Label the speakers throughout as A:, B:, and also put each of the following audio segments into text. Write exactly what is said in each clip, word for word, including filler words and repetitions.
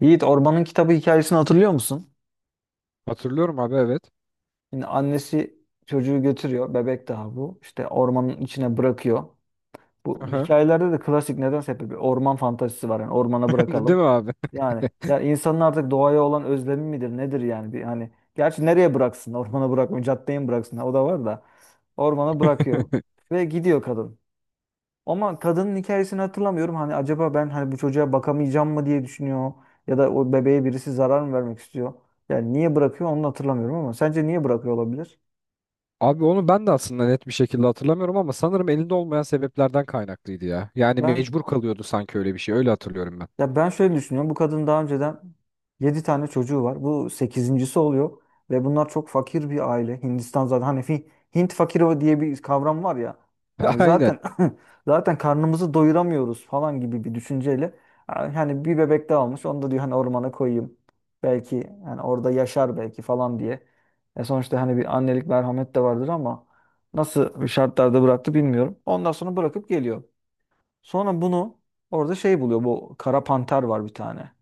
A: Yiğit Orman'ın kitabı hikayesini hatırlıyor musun?
B: Hatırlıyorum abi, evet.
A: Yine annesi çocuğu götürüyor. Bebek daha bu. İşte ormanın içine bırakıyor. Bu
B: Aha.
A: hikayelerde de klasik nedense hep bir orman fantazisi var. Yani ormana bırakalım.
B: Değil mi abi?
A: Yani ya insanın artık doğaya olan özlemi midir nedir yani? Bir, hani gerçi nereye bıraksın? Ormana bırakmıyor. Caddeye mi bıraksın? O da var da. Ormana bırakıyor. Ve gidiyor kadın. Ama kadının hikayesini hatırlamıyorum. Hani acaba ben hani bu çocuğa bakamayacağım mı diye düşünüyor. Ya da o bebeğe birisi zarar mı vermek istiyor. Yani niye bırakıyor onu da hatırlamıyorum ama sence niye bırakıyor olabilir?
B: Abi, onu ben de aslında net bir şekilde hatırlamıyorum ama sanırım elinde olmayan sebeplerden kaynaklıydı ya. Yani
A: Ben
B: mecbur kalıyordu sanki, öyle bir şey. Öyle hatırlıyorum ben.
A: Ya ben şöyle düşünüyorum. Bu kadın daha önceden yedi tane çocuğu var. Bu sekizincisi oluyor ve bunlar çok fakir bir aile. Hindistan zaten hani fi- Hint fakiri diye bir kavram var ya. Hani
B: Aynen.
A: zaten zaten karnımızı doyuramıyoruz falan gibi bir düşünceyle hani bir bebek daha almış. Onu da diyor hani ormana koyayım. Belki hani orada yaşar belki falan diye. E sonuçta hani bir annelik merhamet de vardır ama nasıl şartlarda bıraktı bilmiyorum. Ondan sonra bırakıp geliyor. Sonra bunu orada şey buluyor. Bu kara panter var bir tane.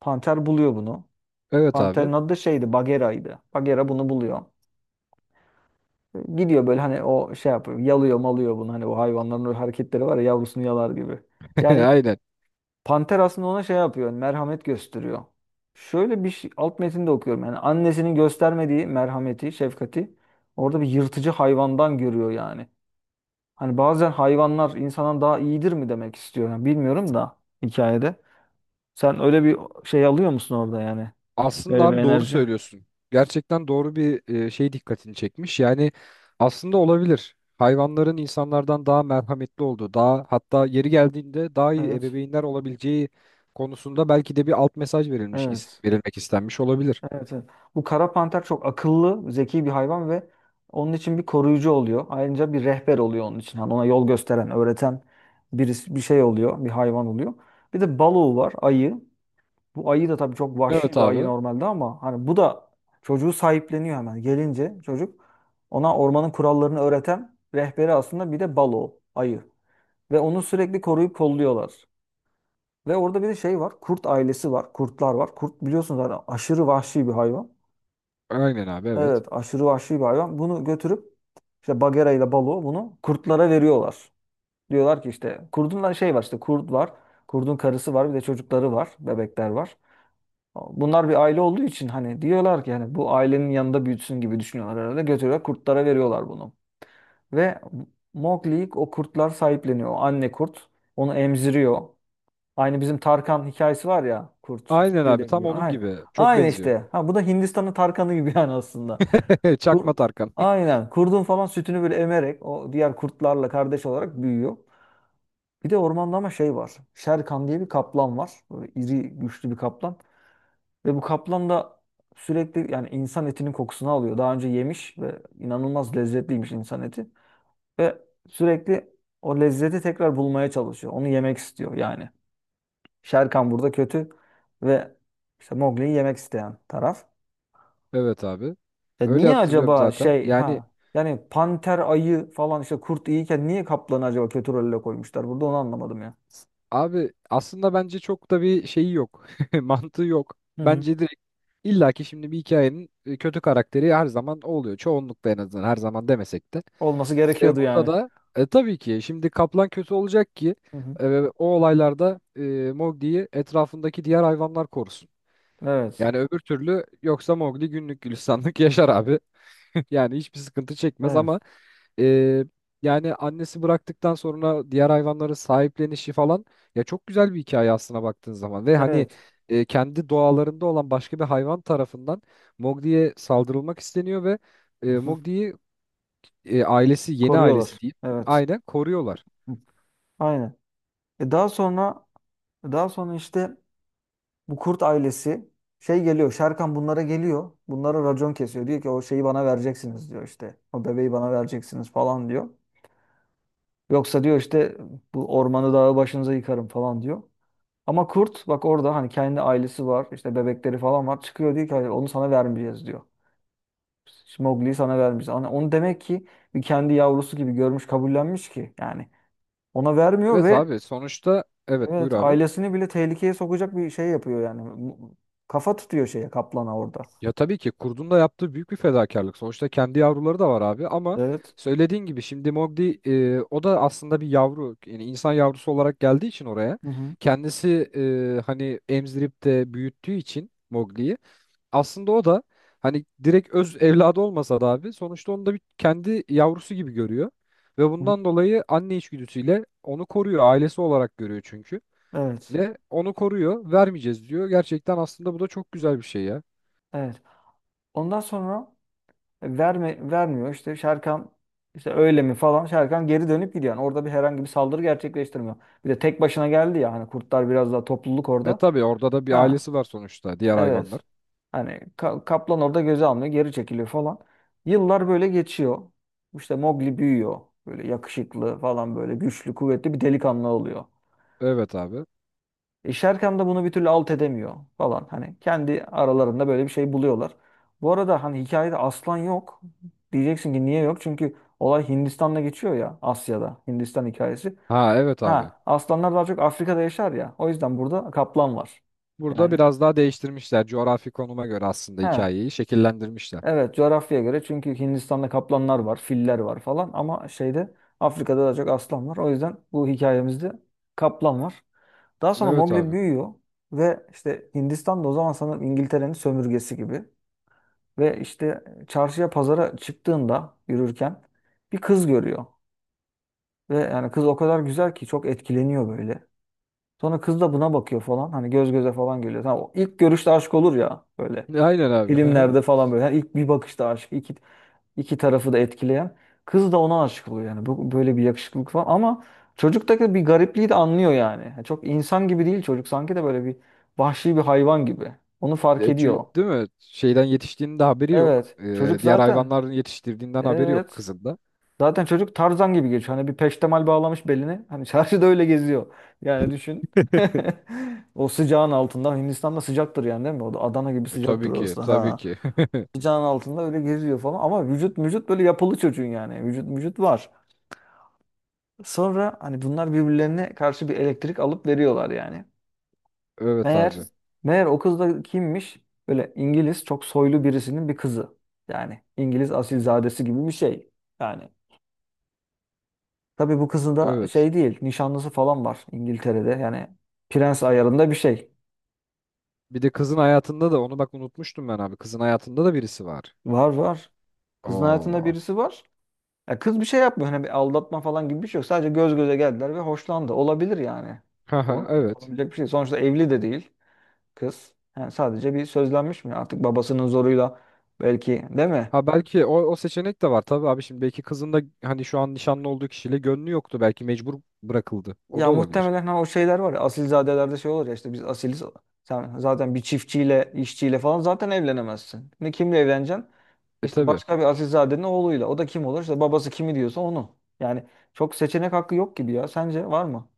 A: Panter buluyor bunu.
B: Evet abi.
A: Panterin adı da şeydi Bagheera'ydı. Bagheera bunu buluyor. Gidiyor böyle hani o şey yapıyor. Yalıyor malıyor bunu. Hani o hayvanların o hareketleri var ya yavrusunu yalar gibi. Yani
B: Aynen.
A: panter aslında ona şey yapıyor. hani merhamet gösteriyor. Şöyle bir şey, alt metinde okuyorum. Yani annesinin göstermediği merhameti, şefkati orada bir yırtıcı hayvandan görüyor yani. Hani bazen hayvanlar insandan daha iyidir mi demek istiyor. Yani bilmiyorum da hikayede. Sen öyle bir şey alıyor musun orada yani?
B: Aslında
A: Öyle bir
B: abi, doğru
A: enerji.
B: söylüyorsun. Gerçekten doğru bir e, şey, dikkatini çekmiş. Yani aslında olabilir. Hayvanların insanlardan daha merhametli olduğu, daha hatta yeri geldiğinde daha iyi
A: Evet.
B: ebeveynler olabileceği konusunda belki de bir alt mesaj verilmiş,
A: Evet.
B: verilmek istenmiş olabilir.
A: Evet. evet. Bu kara panter çok akıllı, zeki bir hayvan ve onun için bir koruyucu oluyor. Ayrıca bir rehber oluyor onun için. Hani ona yol gösteren, öğreten birisi, bir şey oluyor, bir hayvan oluyor. Bir de balığı var, ayı. Bu ayı da tabii çok
B: Evet
A: vahşi bir ayı
B: abi.
A: normalde ama hani bu da çocuğu sahipleniyor hemen. Gelince çocuk ona ormanın kurallarını öğreten rehberi aslında bir de balığı, ayı. Ve onu sürekli koruyup kolluyorlar. Ve orada bir de şey var. Kurt ailesi var. Kurtlar var. Kurt biliyorsunuz zaten aşırı vahşi bir hayvan.
B: Aynen abi, evet.
A: Evet, aşırı vahşi bir hayvan. Bunu götürüp işte Bagheera ile Balu bunu kurtlara veriyorlar. Diyorlar ki işte kurdun da şey var işte kurt var. Kurdun karısı var bir de çocukları var. Bebekler var. Bunlar bir aile olduğu için hani diyorlar ki hani bu ailenin yanında büyütsün gibi düşünüyorlar herhalde. Götürüyorlar kurtlara veriyorlar bunu. Ve Mowgli'yi o kurtlar sahipleniyor. O anne kurt onu emziriyor. Aynı bizim Tarkan hikayesi var ya kurt
B: Aynen abi,
A: ile
B: tam
A: büyüyor.
B: onun
A: Ay-
B: gibi. Çok
A: Aynı
B: benziyor.
A: işte. Ha, bu da Hindistan'ın Tarkan'ı gibi yani aslında.
B: Çakma
A: Kur,
B: Tarkan.
A: aynen. Kurdun falan sütünü böyle emerek o diğer kurtlarla kardeş olarak büyüyor. Bir de ormanda ama şey var. Şerkan diye bir kaplan var. Böyle iri güçlü bir kaplan. Ve bu kaplan da sürekli yani insan etinin kokusunu alıyor. Daha önce yemiş ve inanılmaz lezzetliymiş insan eti. Ve sürekli o lezzeti tekrar bulmaya çalışıyor. Onu yemek istiyor yani. Şerkan burada kötü ve işte Mowgli'yi yemek isteyen taraf.
B: Evet abi.
A: Ya
B: Öyle
A: niye
B: hatırlıyorum
A: acaba
B: zaten.
A: şey
B: Yani
A: ha yani panter ayı falan işte kurt iyiyken niye kaplanı acaba kötü rolle koymuşlar? Burada onu anlamadım ya.
B: abi, aslında bence çok da bir şeyi yok. Mantığı yok.
A: Hı hı.
B: Bence direkt illaki şimdi bir hikayenin e, kötü karakteri her zaman o oluyor. Çoğunlukla, en azından her zaman demesek de.
A: Olması
B: E,
A: gerekiyordu
B: burada
A: yani.
B: da e, tabii ki şimdi kaplan kötü olacak ki
A: Hı hı.
B: e, o olaylarda e, Mowgli'yi etrafındaki diğer hayvanlar korusun.
A: Evet.
B: Yani öbür türlü yoksa Mowgli günlük gülistanlık yaşar abi. Yani hiçbir sıkıntı çekmez ama
A: Evet.
B: e, yani annesi bıraktıktan sonra diğer hayvanların sahiplenişi falan ya, çok güzel bir hikaye aslına baktığın zaman. Ve hani
A: Evet.
B: e, kendi doğalarında olan başka bir hayvan tarafından Mowgli'ye saldırılmak isteniyor ve e,
A: Hı hı.
B: Mowgli'yi e, ailesi, yeni ailesi
A: Koruyorlar.
B: diyeyim,
A: Evet.
B: aynen koruyorlar.
A: Hı. Aynen. E daha sonra daha sonra işte bu kurt ailesi şey geliyor. Şerkan bunlara geliyor. Bunlara racon kesiyor. Diyor ki o şeyi bana vereceksiniz diyor işte. O bebeği bana vereceksiniz falan diyor. Yoksa diyor işte bu ormanı dağı başınıza yıkarım falan diyor. Ama kurt bak orada hani kendi ailesi var. İşte bebekleri falan var. Çıkıyor diyor ki "Hayır, onu sana vermeyeceğiz diyor. Mowgli'yi sana vermeyeceğiz. Hani onu demek ki bir kendi yavrusu gibi görmüş kabullenmiş ki yani. Ona vermiyor
B: Evet
A: ve,
B: abi, sonuçta evet, buyur
A: evet,
B: abi.
A: ailesini bile tehlikeye sokacak bir şey yapıyor yani. Kafa tutuyor şeye kaplana orada.
B: Ya tabii ki kurdun da yaptığı büyük bir fedakarlık. Sonuçta kendi yavruları da var abi ama
A: Evet.
B: söylediğin gibi şimdi Mowgli e, o da aslında bir yavru, yani insan yavrusu olarak geldiği için oraya,
A: Hı hı.
B: kendisi e, hani emzirip de büyüttüğü için Mowgli'yi, aslında o da hani direkt öz evladı olmasa da abi, sonuçta onu da bir kendi yavrusu gibi görüyor ve
A: hı hı.
B: bundan dolayı anne içgüdüsüyle onu koruyor, ailesi olarak görüyor çünkü.
A: Evet.
B: Ne, onu koruyor, vermeyeceğiz diyor. Gerçekten aslında bu da çok güzel bir şey ya.
A: Evet. Ondan sonra e, verme, vermiyor. İşte Şerkan işte öyle mi falan. Şerkan geri dönüp gidiyor. Yani orada bir herhangi bir saldırı gerçekleştirmiyor. Bir de tek başına geldi ya. Hani kurtlar biraz daha topluluk
B: E
A: orada.
B: tabii orada da bir
A: Ha.
B: ailesi var sonuçta, diğer hayvanlar.
A: Evet. Hani ka- kaplan orada göze almıyor. Geri çekiliyor falan. Yıllar böyle geçiyor. İşte Mowgli büyüyor. Böyle yakışıklı falan böyle güçlü kuvvetli bir delikanlı oluyor.
B: Evet abi.
A: E, Şerkan da bunu bir türlü alt edemiyor falan. Hani kendi aralarında böyle bir şey buluyorlar. Bu arada hani hikayede aslan yok. Diyeceksin ki niye yok? Çünkü olay Hindistan'da geçiyor ya Asya'da. Hindistan hikayesi.
B: Ha evet abi.
A: Ha aslanlar daha çok Afrika'da yaşar ya. O yüzden burada kaplan var.
B: Burada
A: Yani.
B: biraz daha değiştirmişler, coğrafi konuma göre aslında
A: Ha
B: hikayeyi şekillendirmişler.
A: evet coğrafyaya göre çünkü Hindistan'da kaplanlar var, filler var falan ama şeyde Afrika'da daha çok aslan var. O yüzden bu hikayemizde kaplan var. Daha sonra
B: Evet
A: Mowgli
B: abi.
A: büyüyor ve işte Hindistan'da o zaman sanırım İngiltere'nin sömürgesi gibi. Ve işte çarşıya pazara çıktığında yürürken bir kız görüyor. Ve yani kız o kadar güzel ki çok etkileniyor böyle. Sonra kız da buna bakıyor falan. Hani göz göze falan geliyor. Tamam, o ilk görüşte aşk olur ya böyle.
B: E, aynen abi.
A: Filmlerde falan böyle. Yani ilk bir bakışta aşk. İki. İki tarafı da etkileyen. Kız da ona aşık oluyor yani. Bu, böyle bir yakışıklılık falan ama çocuktaki bir garipliği de anlıyor yani. Yani Çok insan gibi değil çocuk sanki de böyle bir vahşi bir hayvan gibi. Onu fark
B: E, çü-
A: ediyor.
B: değil mi? Şeyden yetiştiğinin de haberi yok.
A: Evet.
B: E,
A: Çocuk
B: diğer
A: zaten.
B: hayvanların yetiştirdiğinden haberi yok
A: Evet.
B: kızın da.
A: Zaten çocuk Tarzan gibi geçiyor. Hani bir peştemal bağlamış beline. Hani çarşıda öyle geziyor. Yani düşün. O sıcağın altında. Hindistan'da sıcaktır yani değil mi? O da Adana gibi
B: E, tabii
A: sıcaktır
B: ki,
A: orası.
B: tabii
A: Ha.
B: ki.
A: Sıcağın altında öyle geziyor falan. Ama vücut vücut böyle yapılı çocuğun yani. Vücut vücut var. Sonra hani bunlar birbirlerine karşı bir elektrik alıp veriyorlar yani.
B: Evet
A: Meğer
B: abi.
A: meğer o kız da kimmiş? Böyle İngiliz çok soylu birisinin bir kızı. Yani İngiliz asilzadesi gibi bir şey. Yani tabii bu kızın da
B: Evet.
A: şey değil, nişanlısı falan var İngiltere'de. Yani prens ayarında bir şey.
B: Bir de kızın hayatında da, onu bak unutmuştum ben abi. Kızın hayatında da birisi var.
A: Var var. Kızın hayatında
B: Oo.
A: birisi var. Ya kız bir şey yapmıyor. Hani bir aldatma falan gibi bir şey yok. Sadece göz göze geldiler ve hoşlandı. Olabilir yani.
B: Haha,
A: Olamayacak,
B: evet.
A: olabilecek bir şey. Sonuçta evli de değil. kız. Yani sadece bir sözlenmiş mi? Artık babasının zoruyla belki değil mi?
B: Ha belki o, o seçenek de var tabii abi. Şimdi belki kızın da hani şu an nişanlı olduğu kişiyle gönlü yoktu, belki mecbur bırakıldı. O da
A: Ya
B: olabilir.
A: muhtemelen ha o şeyler var ya asilzadelerde şey olur ya işte biz asiliz. Sen zaten bir çiftçiyle, işçiyle falan zaten evlenemezsin. Ne kimle evleneceksin?
B: E
A: İşte
B: tabii.
A: başka bir asilzadenin oğluyla. O da kim olur? İşte babası kimi diyorsa onu. Yani çok seçenek hakkı yok gibi ya. Sence var mı?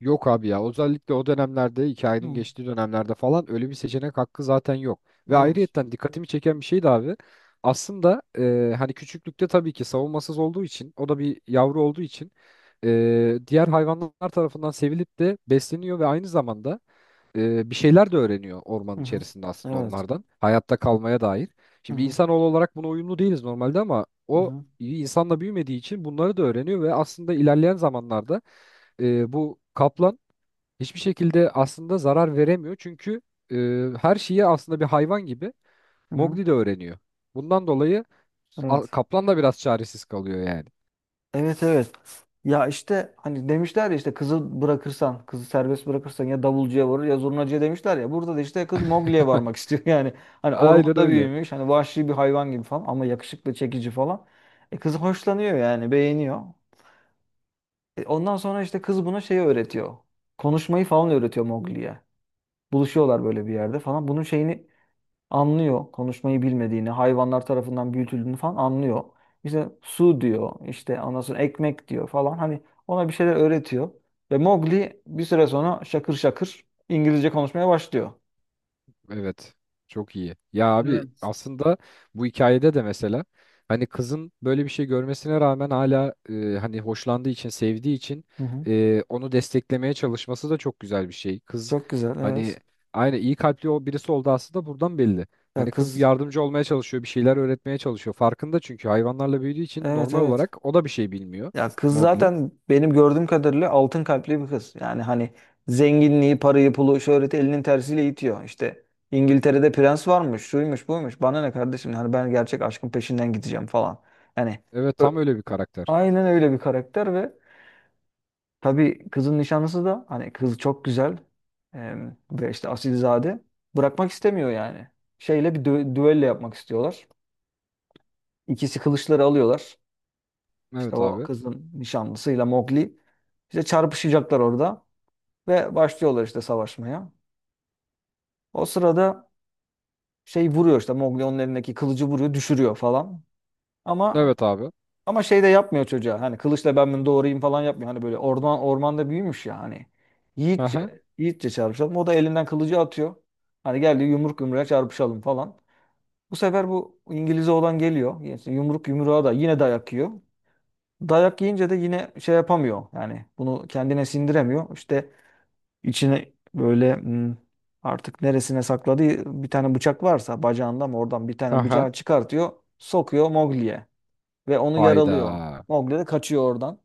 B: Yok abi ya, özellikle o dönemlerde, hikayenin
A: Hı.
B: geçtiği dönemlerde falan öyle bir seçenek hakkı zaten yok. Ve
A: Evet.
B: ayrıyetten dikkatimi çeken bir şey de abi, aslında e, hani küçüklükte tabii ki savunmasız olduğu için, o da bir yavru olduğu için e, diğer hayvanlar tarafından sevilip de besleniyor ve aynı zamanda e, bir şeyler de öğreniyor ormanın
A: Hı hı.
B: içerisinde, aslında
A: Evet.
B: onlardan. Hayatta kalmaya dair.
A: Hı
B: Şimdi
A: hı.
B: insanoğlu olarak buna uyumlu değiliz normalde ama
A: Hı
B: o
A: hı.
B: iyi insanla büyümediği için bunları da öğreniyor ve aslında ilerleyen zamanlarda e, bu kaplan hiçbir şekilde aslında zarar veremiyor. Çünkü e, her şeyi aslında bir hayvan gibi
A: Hı hı.
B: Mowgli de öğreniyor. Bundan dolayı a-
A: Evet.
B: kaplan da biraz çaresiz kalıyor yani.
A: Evet evet. Ya işte hani demişler ya işte kızı bırakırsan, kızı serbest bırakırsan ya davulcuya varır ya zurnacıya demişler ya. Burada da işte kız mogliye varmak istiyor. Yani hani
B: Aynen
A: ormanda
B: öyle.
A: büyümüş, hani vahşi bir hayvan gibi falan ama yakışıklı, çekici falan. E kız hoşlanıyor yani, beğeniyor. E ondan sonra işte kız buna şeyi öğretiyor. Konuşmayı falan öğretiyor mogliye. Buluşuyorlar böyle bir yerde falan. Bunun şeyini anlıyor konuşmayı bilmediğini, hayvanlar tarafından büyütüldüğünü falan anlıyor. İşte su diyor, işte ondan sonra ekmek diyor falan. Hani ona bir şeyler öğretiyor. Ve Mowgli bir süre sonra şakır şakır İngilizce konuşmaya başlıyor.
B: Evet. Çok iyi. Ya abi,
A: Evet.
B: aslında bu hikayede de mesela hani kızın böyle bir şey görmesine rağmen hala e, hani hoşlandığı için, sevdiği için
A: Hı hı.
B: e, onu desteklemeye çalışması da çok güzel bir şey. Kız
A: Çok güzel,
B: hani
A: evet.
B: aynı iyi kalpli, o, birisi oldu aslında, buradan belli.
A: Ya
B: Hani kız bir
A: kız,
B: yardımcı olmaya çalışıyor, bir şeyler öğretmeye çalışıyor. Farkında, çünkü hayvanlarla büyüdüğü için
A: evet
B: normal
A: evet.
B: olarak o da bir şey bilmiyor.
A: Ya kız
B: Mowgli.
A: zaten benim gördüğüm kadarıyla altın kalpli bir kız. Yani hani zenginliği, parayı, pulu, şöhreti elinin tersiyle itiyor. İşte İngiltere'de prens varmış, şuymuş, buymuş. Bana ne kardeşim? Hani ben gerçek aşkın peşinden gideceğim falan. Yani
B: Evet,
A: ö-
B: tam öyle bir karakter.
A: aynen öyle bir karakter ve tabii kızın nişanlısı da hani kız çok güzel em, ve işte asilzade bırakmak istemiyor yani. Şeyle bir dü düello yapmak istiyorlar. İkisi kılıçları alıyorlar. İşte
B: Evet
A: o
B: abi.
A: kızın nişanlısıyla Mowgli işte çarpışacaklar orada ve başlıyorlar işte savaşmaya. O sırada şey vuruyor işte Mowgli onun elindeki kılıcı vuruyor, düşürüyor falan. Ama
B: Evet abi.
A: ama şey de yapmıyor çocuğa. Hani kılıçla ben bunu doğrayayım falan yapmıyor. Hani böyle orman ormanda büyümüş ya hani.
B: Hı hı.
A: Yiğitçe, yiğitçe çarpışalım. O da elinden kılıcı atıyor. Hani geldi yumruk yumruğa çarpışalım falan. Bu sefer bu İngiliz oğlan geliyor. Yani Yumruk yumruğa da yine dayak yiyor. Dayak yiyince de yine şey yapamıyor. Yani bunu kendine sindiremiyor. İşte içine böyle hmm, artık neresine sakladığı bir tane bıçak varsa bacağında mı oradan bir
B: Hı
A: tane
B: hı.
A: bıçağı çıkartıyor. Sokuyor Mowgli'ye ve onu
B: Hayda.
A: yaralıyor. Mowgli de kaçıyor oradan.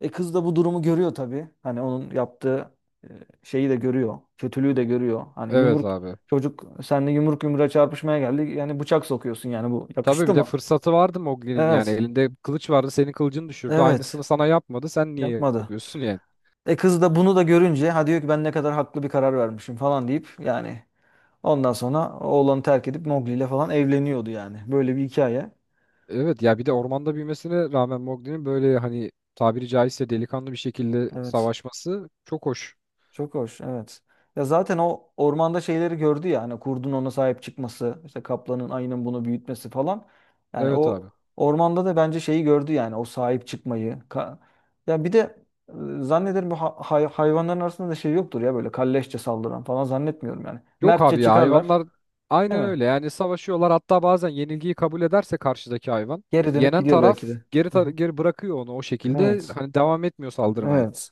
A: E kız da bu durumu görüyor tabii. Hani onun yaptığı e, şeyi de görüyor. Kötülüğü de görüyor. Hani
B: Evet
A: yumruk
B: abi.
A: çocuk seninle yumruk yumruğa çarpışmaya geldi. Yani bıçak sokuyorsun yani bu
B: Tabii
A: yakıştı
B: bir de
A: mı?
B: fırsatı vardı Mowgli'nin, yani
A: Evet.
B: elinde kılıç vardı, senin kılıcını düşürdü, aynısını
A: Evet.
B: sana yapmadı, sen niye
A: Yapmadı.
B: yapıyorsun yani.
A: E kız da bunu da görünce ha diyor ki ben ne kadar haklı bir karar vermişim falan deyip yani ondan sonra oğlanı terk edip Mowgli ile falan evleniyordu yani. Böyle bir hikaye.
B: Evet ya, bir de ormanda büyümesine rağmen Mowgli'nin böyle hani tabiri caizse delikanlı bir şekilde
A: Evet.
B: savaşması çok hoş.
A: Çok hoş. Evet. Ya zaten o ormanda şeyleri gördü ya hani kurdun ona sahip çıkması, işte kaplanın ayının bunu büyütmesi falan. Yani
B: Evet
A: o
B: abi.
A: ormanda da bence şeyi gördü yani o sahip çıkmayı. Ka- ya bir de e, zannederim bu ha- hay- hayvanların arasında da şey yoktur ya böyle kalleşçe saldıran falan zannetmiyorum yani.
B: Yok
A: Mertçe
B: abi ya,
A: çıkarlar,
B: hayvanlar
A: değil
B: aynen
A: mi?
B: öyle yani, savaşıyorlar, hatta bazen yenilgiyi kabul ederse karşıdaki hayvan,
A: Geri dönüp
B: yenen
A: gidiyor belki
B: taraf
A: de.
B: geri
A: Hı hı.
B: tar- geri bırakıyor onu, o şekilde
A: Evet.
B: hani devam etmiyor saldırmaya.
A: Evet.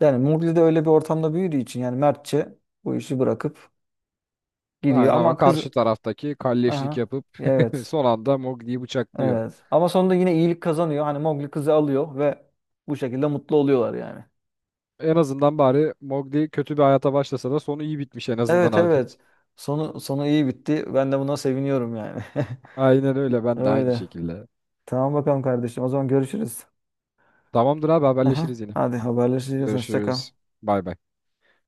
A: Yani Murli de öyle bir ortamda büyüdüğü için yani mertçe bu işi bırakıp
B: Aynen
A: gidiyor
B: ama
A: ama kız
B: karşı taraftaki kalleşlik
A: aha
B: yapıp
A: evet.
B: son anda Mowgli'yi bıçaklıyor.
A: Evet. Ama sonunda yine iyilik kazanıyor. Hani Mowgli kızı alıyor ve bu şekilde mutlu oluyorlar yani.
B: En azından bari Mowgli kötü bir hayata başlasa da sonu iyi bitmiş en azından
A: Evet
B: abi.
A: evet. Sonu sonu iyi bitti. Ben de buna seviniyorum yani.
B: Aynen öyle, ben de aynı
A: Öyle.
B: şekilde.
A: Tamam bakalım kardeşim. O zaman görüşürüz.
B: Tamamdır abi, haberleşiriz
A: Aha.
B: yine.
A: Hadi haberleşeceğiz. Hoşça kal.
B: Görüşürüz. Bay bay.